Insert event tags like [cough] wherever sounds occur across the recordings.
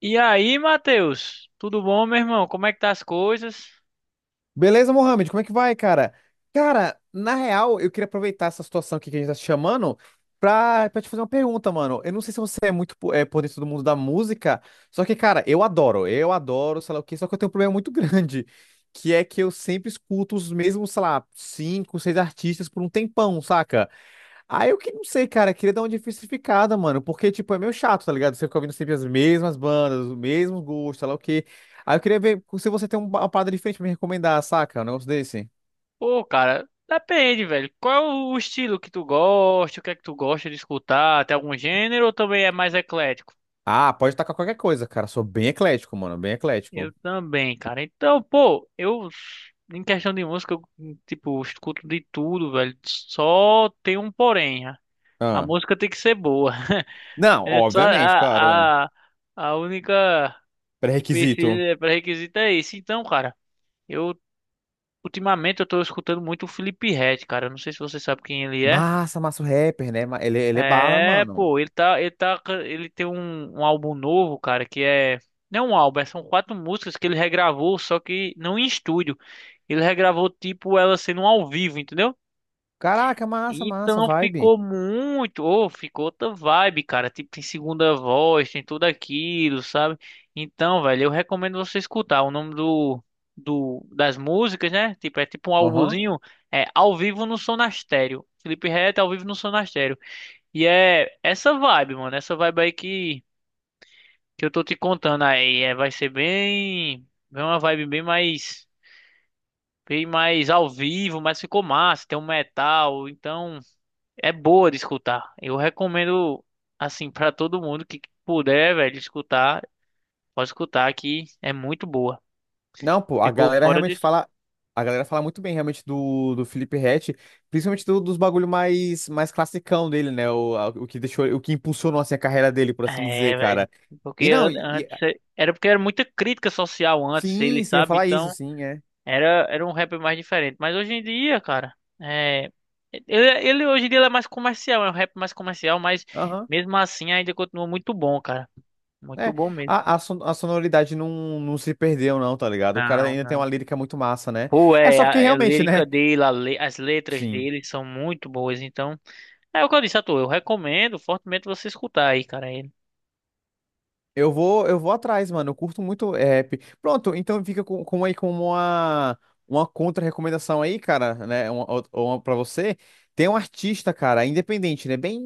E aí, Matheus? Tudo bom, meu irmão? Como é que tá as coisas? Beleza, Mohamed? Como é que vai, cara? Cara, na real, eu queria aproveitar essa situação aqui que a gente tá te chamando pra te fazer uma pergunta, mano. Eu não sei se você é muito por dentro do mundo da música, só que, cara, eu adoro, sei lá o quê, só que eu tenho um problema muito [laughs] grande, que é que eu sempre escuto os mesmos, sei lá, cinco, seis artistas por um tempão, saca? Ah, eu que não sei, cara. Queria dar uma diversificada, mano. Porque, tipo, é meio chato, tá ligado? Você fica ouvindo sempre as mesmas bandas, o mesmo gosto, sei lá o quê. Aí eu queria ver se você tem uma parada diferente pra me recomendar, saca? Um negócio desse. Pô, cara, depende, velho. Qual é o estilo que tu gosta? O que é que tu gosta de escutar? Tem algum gênero ou também é mais eclético? Ah, pode tacar qualquer coisa, cara. Sou bem eclético, mano. Bem Eu eclético. também, cara. Então, pô, eu, em questão de música, eu, tipo, escuto de tudo, velho. Só tem um porém. A Ah. música tem que ser boa. [laughs] Não, É só obviamente, claro, é. A única Pré-requisito. empecilho, é, pré-requisito é esse. Então, cara. Eu Ultimamente eu tô escutando muito o Felipe Ret, cara. Eu não sei se você sabe quem ele é. Massa, massa o rapper, né? Ele é bala, É, mano. pô, ele tem um álbum novo, cara, que é, não é um álbum, é- são quatro músicas que ele regravou, só que não em estúdio. Ele regravou tipo ela sendo ao vivo, entendeu? Caraca, massa, massa, Então vibe. ficou muito, ou ficou outra vibe, cara. Tipo, tem segunda voz, tem tudo aquilo, sabe? Então, velho, eu recomendo você escutar. O nome do das músicas, né? Tipo, é tipo um Aham. álbumzinho, é Ao Vivo no Sonastério. Felipe Ret Ao Vivo no Sonastério. E é essa vibe, mano, essa vibe aí que eu tô te contando aí, é, vai ser bem uma vibe bem mais ao vivo, mas ficou massa, tem um metal, então é boa de escutar. Eu recomendo, assim, pra todo mundo que puder, velho, escutar, pode escutar que é muito boa. Não, pô, a Ficou galera fora de. realmente fala. A galera fala muito bem realmente do Felipe Ret, principalmente dos bagulho mais classicão dele, né? O que deixou, o que impulsionou assim, a carreira dele, por assim dizer, É, velho. cara. E Porque não, antes era porque era muita crítica social antes, sim, ele sim, eu ia sabe, falar isso, então sim, é. Era um rap mais diferente. Mas hoje em dia, cara, é ele hoje em dia ele é mais comercial, é um rap mais comercial, mas Aham. mesmo assim ainda continua muito bom, cara. Muito É, bom mesmo. a sonoridade não se perdeu, não, tá ligado? O cara Não, ainda tem uma não. lírica muito massa, né? Pô, É é, só porque é a realmente, né? lírica dele, as letras Sim. dele são muito boas, então. É o que eu disse a tu, eu recomendo fortemente você escutar aí, cara. Ele. Eu vou atrás, mano. Eu curto muito rap. Pronto, então fica com aí como uma contra-recomendação aí, cara, né? Uma, ou uma pra você. Tem um artista, cara, independente, né? Bem,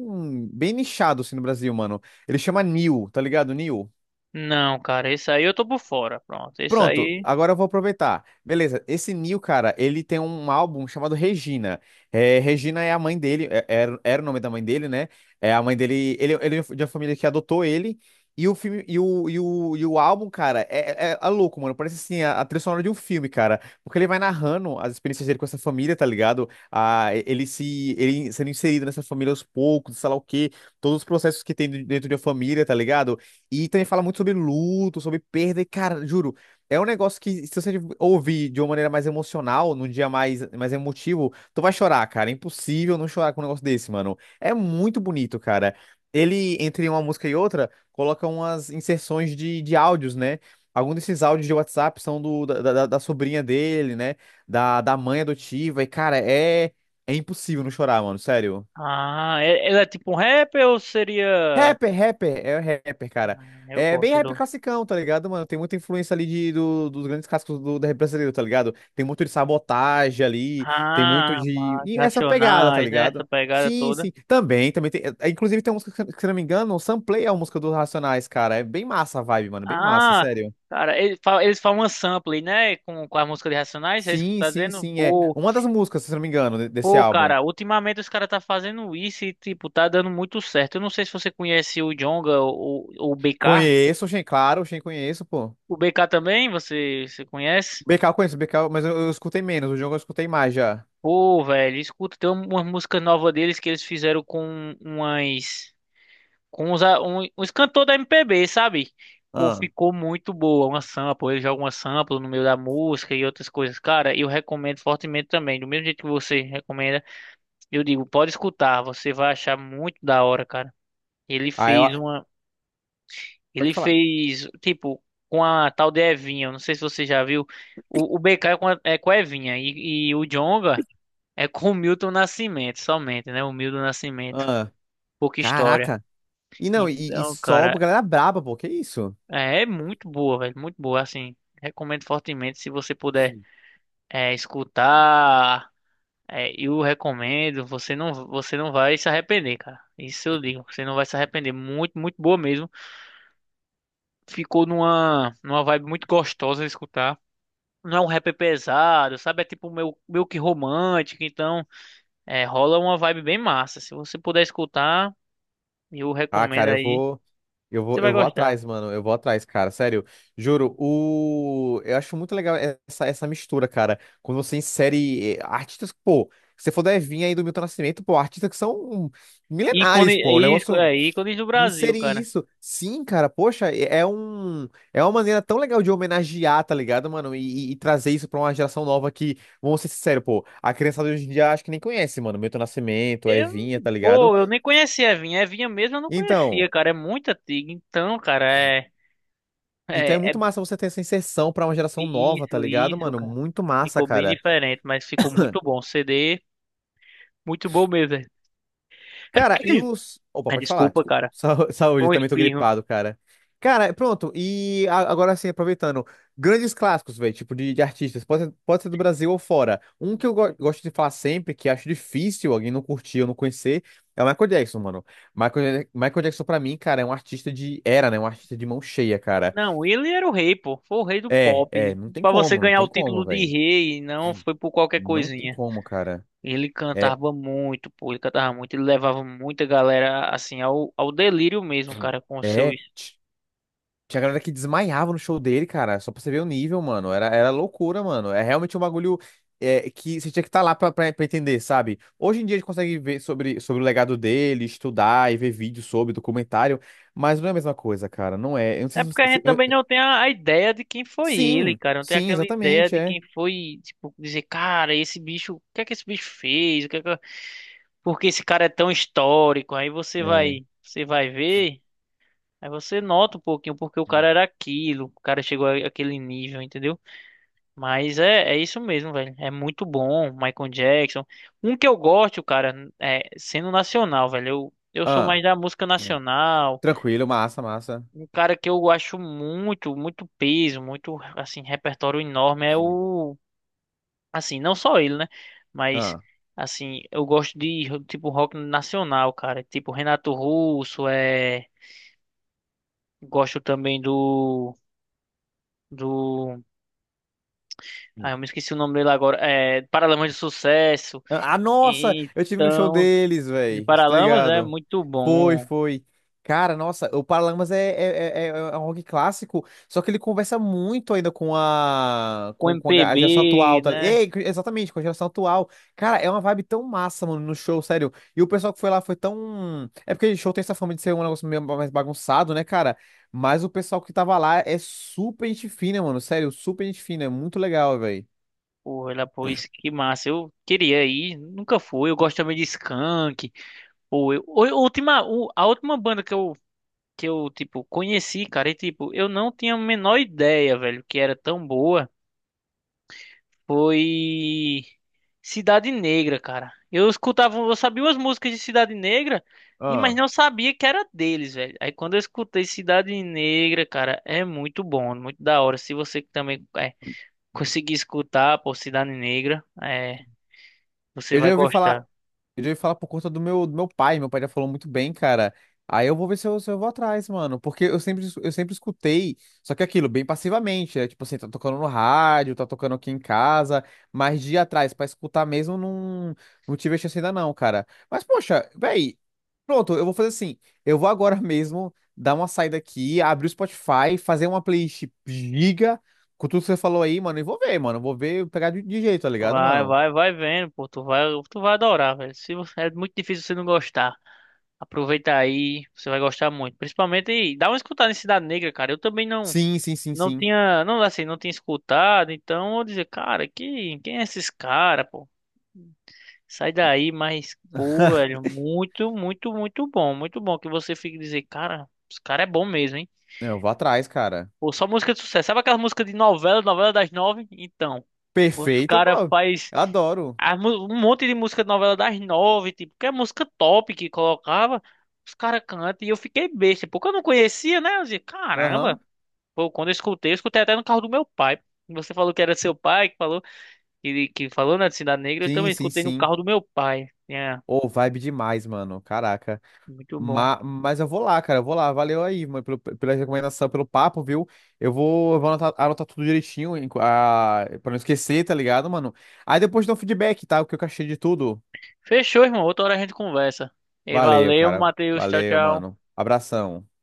bem nichado, assim, no Brasil, mano. Ele chama Nil, tá ligado? Nil? Não, cara, esse aí eu tô por fora, pronto. Esse Pronto, aí. agora eu vou aproveitar. Beleza, esse Neil, cara, ele tem um álbum chamado Regina. É, Regina é a mãe dele, era o nome da mãe dele, né? É a mãe dele, ele é de uma família que adotou ele. E o filme, e o, e o, e o álbum, cara, é louco, mano. Parece assim, a trilha sonora de um filme, cara. Porque ele vai narrando as experiências dele com essa família, tá ligado? Ah, ele se, ele sendo inserido nessa família aos poucos, sei lá o quê, todos os processos que tem dentro de uma família, tá ligado? E também fala muito sobre luto, sobre perda, e, cara, juro. É um negócio que, se você ouvir de uma maneira mais emocional, num dia mais emotivo, tu vai chorar, cara. É impossível não chorar com um negócio desse, mano. É muito bonito, cara. Ele, entre uma música e outra, coloca umas inserções de áudios, né? Alguns desses áudios de WhatsApp são da sobrinha dele, né? Da mãe adotiva. E, cara, é impossível não chorar, mano. Sério. Ah, é- ele é tipo um rapper ou seria. Rapper, rapper, é rapper, cara. Eu É bem gosto rap do. classicão, tá ligado, mano? Tem muita influência ali dos grandes clássicos da rap brasileiro, tá ligado? Tem muito de sabotagem ali, tem muito Ah, de. mas E essa pegada, tá Racionais, né? Essa ligado? pegada Sim, toda. sim. Também tem. Inclusive tem uma música, que se não me engano, o Samplay é uma música dos Racionais, cara. É bem massa a vibe, mano. Bem massa, Ah, sério. cara, eles falam uma sample, né? Com a música de Racionais, é isso que tu Sim, tá sim, dizendo? sim. É uma das músicas, se não me engano, desse Pô, álbum. cara, ultimamente os caras tá fazendo isso e, tipo, tá dando muito certo. Eu não sei se você conhece o Djonga ou o BK. Conheço, Shen, claro, Shen conheço, pô. O BK também, você conhece? BK eu conheço, BK, mas eu escutei menos, o jogo eu escutei mais já. Pô, velho, escuta, tem uma música nova deles que eles fizeram com umas... Com uns, uns cantores da MPB, sabe? Pô, Ah. ficou muito boa, uma sample. Eles jogam uma sample no meio da música e outras coisas. Cara, eu recomendo fortemente também. Do mesmo jeito que você recomenda, eu digo, pode escutar, você vai achar muito da hora, cara. Ele fez uma Ele Pode falar. fez, tipo, com a tal de Evinha. Eu Não sei se você já viu. O BK é com é com a Evinha. E, o Djonga é com o Milton Nascimento, somente, né? O Milton Nascimento. Ah, Pouca história. caraca. E não, Então, só cara, pra galera braba, pô. Que isso? é, é muito boa, velho. Muito boa, assim. Recomendo fortemente se você puder é, escutar. É, eu recomendo. Você não vai se arrepender, cara. Isso eu digo. Você não vai se arrepender. Muito, muito boa mesmo. Ficou numa vibe muito gostosa de escutar. Não é um rap pesado, sabe? É tipo meio que romântico, então é, rola uma vibe bem massa. Se você puder escutar, eu Ah, recomendo cara, eu aí, vou. Eu você vou, vai eu vou gostar. atrás, mano. Eu vou atrás, cara. Sério. Juro. Eu acho muito legal essa mistura, cara. Quando você insere artistas, pô. Se você for da Evinha aí do Milton Nascimento, pô, artistas que são Ícone, milenares, pô. O ícone, negócio. é, ícones do Brasil, Inserir cara. isso. Sim, cara, poxa, é uma maneira tão legal de homenagear, tá ligado, mano? E trazer isso pra uma geração nova que, vamos ser sinceros, pô, a criançada hoje em dia acho que nem conhece, mano, Milton Nascimento, Eu, Evinha, tá ligado? pô, eu nem conhecia a Evinha. A Evinha mesmo eu não Então, conhecia, cara. É muito antiga, então, cara, é, então é é, é muito massa você ter essa inserção pra uma geração nova, tá isso, ligado, isso, mano? cara. Muito massa, Ficou bem cara. diferente, mas ficou muito [clears throat] bom. CD, muito bom mesmo. Cara, e [coughs] os. Opa, Ah, pode falar. desculpa, Desculpa. cara. [laughs] Foi Saúde, um também tô espirro. gripado, cara. Cara, pronto. E agora sim, aproveitando. Grandes clássicos, velho, tipo de artistas. Pode ser do Brasil ou fora. Um que eu gosto de falar sempre, que acho difícil alguém não curtir ou não conhecer, é o Michael Jackson, mano. Michael Jackson, pra mim, cara, é um artista de. Era, né? Um artista de mão cheia, cara. Não, ele era o rei, pô. Foi o rei do É, é. pop. Não tem Pra você como, não ganhar o tem como, título de velho. rei, não foi por qualquer Não tem coisinha. como, cara. Ele É. cantava muito, pô. Ele cantava muito. Ele levava muita galera, assim, ao, ao delírio mesmo, cara, com os seus. É. Tinha galera que desmaiava no show dele, cara. Só pra você ver o nível, mano. Era loucura, mano. É realmente um bagulho que você tinha que estar lá pra, entender, sabe? Hoje em dia a gente consegue ver sobre o legado dele, estudar e ver vídeo sobre, documentário. Mas não é a mesma coisa, cara. Não é. Eu não É sei se porque você... a gente também não tem a ideia de quem foi ele, Sim, cara. Não tem sim, aquela ideia exatamente, de é. quem foi, tipo, dizer, cara, esse bicho, o que é que esse bicho fez? O que é que... Porque esse cara é tão histórico. Aí É. Você vai ver. Aí você nota um pouquinho porque o cara era aquilo, o cara chegou àquele nível, entendeu? Mas é, é isso mesmo, velho. É muito bom, Michael Jackson. Um que eu gosto, cara, é sendo nacional, velho. Eu sou mais Ah, da música nacional. tranquilo, massa, massa. Um cara que eu acho muito, muito peso, muito, assim, repertório enorme é o. Assim, não só ele, né? Mas, Ah. assim, eu gosto de, tipo, rock nacional, cara. Tipo, Renato Russo, é. Gosto também do. Do. Ah, eu me esqueci o nome dele agora. É. Paralamas de Sucesso. Ah, nossa, eu tive no show Então. deles, De velho. Estou Paralamas é ligado. muito Foi, bom. foi. Cara, nossa, o Paralamas é um rock clássico, só que ele conversa muito ainda com a Com com, com a ga- a MPB, geração atual, tá? Né? Ei, exatamente, com a geração atual. Cara, é uma vibe tão massa, mano, no show, sério. E o pessoal que foi lá foi tão. É porque show tem essa fama de ser um negócio meio mais bagunçado, né, cara? Mas o pessoal que tava lá é super gente fina, mano, sério, super gente fina, é muito legal, velho. Porra, ela pôs que massa. Eu queria ir, nunca fui. Eu gosto também de Skank. Última, a última banda que eu, tipo, conheci, cara, e tipo, eu não tinha a menor ideia, velho, que era tão boa. Foi Cidade Negra, cara. Eu escutava, eu sabia umas músicas de Cidade Negra, e mas Ah. não sabia que era deles, velho. Aí quando eu escutei Cidade Negra, cara, é muito bom, muito da hora. Se você também é, conseguir escutar, pô, Cidade Negra, é, você Eu vai já ouvi falar. gostar. Eu já ia falar por conta do meu pai. Meu pai já falou muito bem, cara. Aí eu vou ver se eu vou atrás, mano. Porque eu sempre escutei, só que aquilo, bem passivamente. É, tipo assim, tá tocando no rádio, tá tocando aqui em casa. Mas de ir atrás pra escutar mesmo, não tive a chance ainda não, cara. Mas, poxa, véi, pronto, eu vou fazer assim. Eu vou agora [laughs] mesmo dar uma saída aqui, abrir o Spotify, fazer uma playlist giga com tudo que você falou aí, mano. E vou ver, mano. Vou ver, pegar de jeito, tá ligado, Vai, mano? vai, vai vendo, pô, tu vai adorar, velho. Se você, é muito difícil você não gostar. Aproveita aí, você vai gostar muito. Principalmente, dá uma escutada em Cidade Negra, cara. Eu também Sim, sim, sim, não sim. tinha, não assim, não tinha escutado, então eu dizer, cara, que, quem é esses cara, pô? Sai daí, mas pô, [laughs] velho, muito, muito, muito bom que você fique dizer, cara, os cara é bom mesmo, hein? Eu vou atrás, cara. Pô, só música de sucesso. Sabe aquela música de novela, novela das nove? Então, os Perfeito, cara bro. faz Eu adoro. Um monte de música de novela das nove, tipo, que é música top que colocava, os cara cantam e eu fiquei besta, porque eu não conhecia, né? Eu dizia, caramba, Aham. Pô, quando eu escutei até no carro do meu pai. Você falou que era seu pai que falou, que falou na Cidade Negra, eu Sim, também sim, escutei no sim. carro do meu pai. É, Ô, vibe demais, mano. Caraca. muito bom. Ma mas eu vou lá, cara. Eu vou lá. Valeu aí, mano, pela recomendação, pelo papo, viu? Eu vou anotar, anotar tudo direitinho, pra não esquecer, tá ligado, mano? Aí depois dá um feedback, tá? O que eu achei de tudo. Fechou, irmão. Outra hora a gente conversa. E Valeu, valeu, cara. Matheus. Tchau, Valeu, tchau. mano. Abração.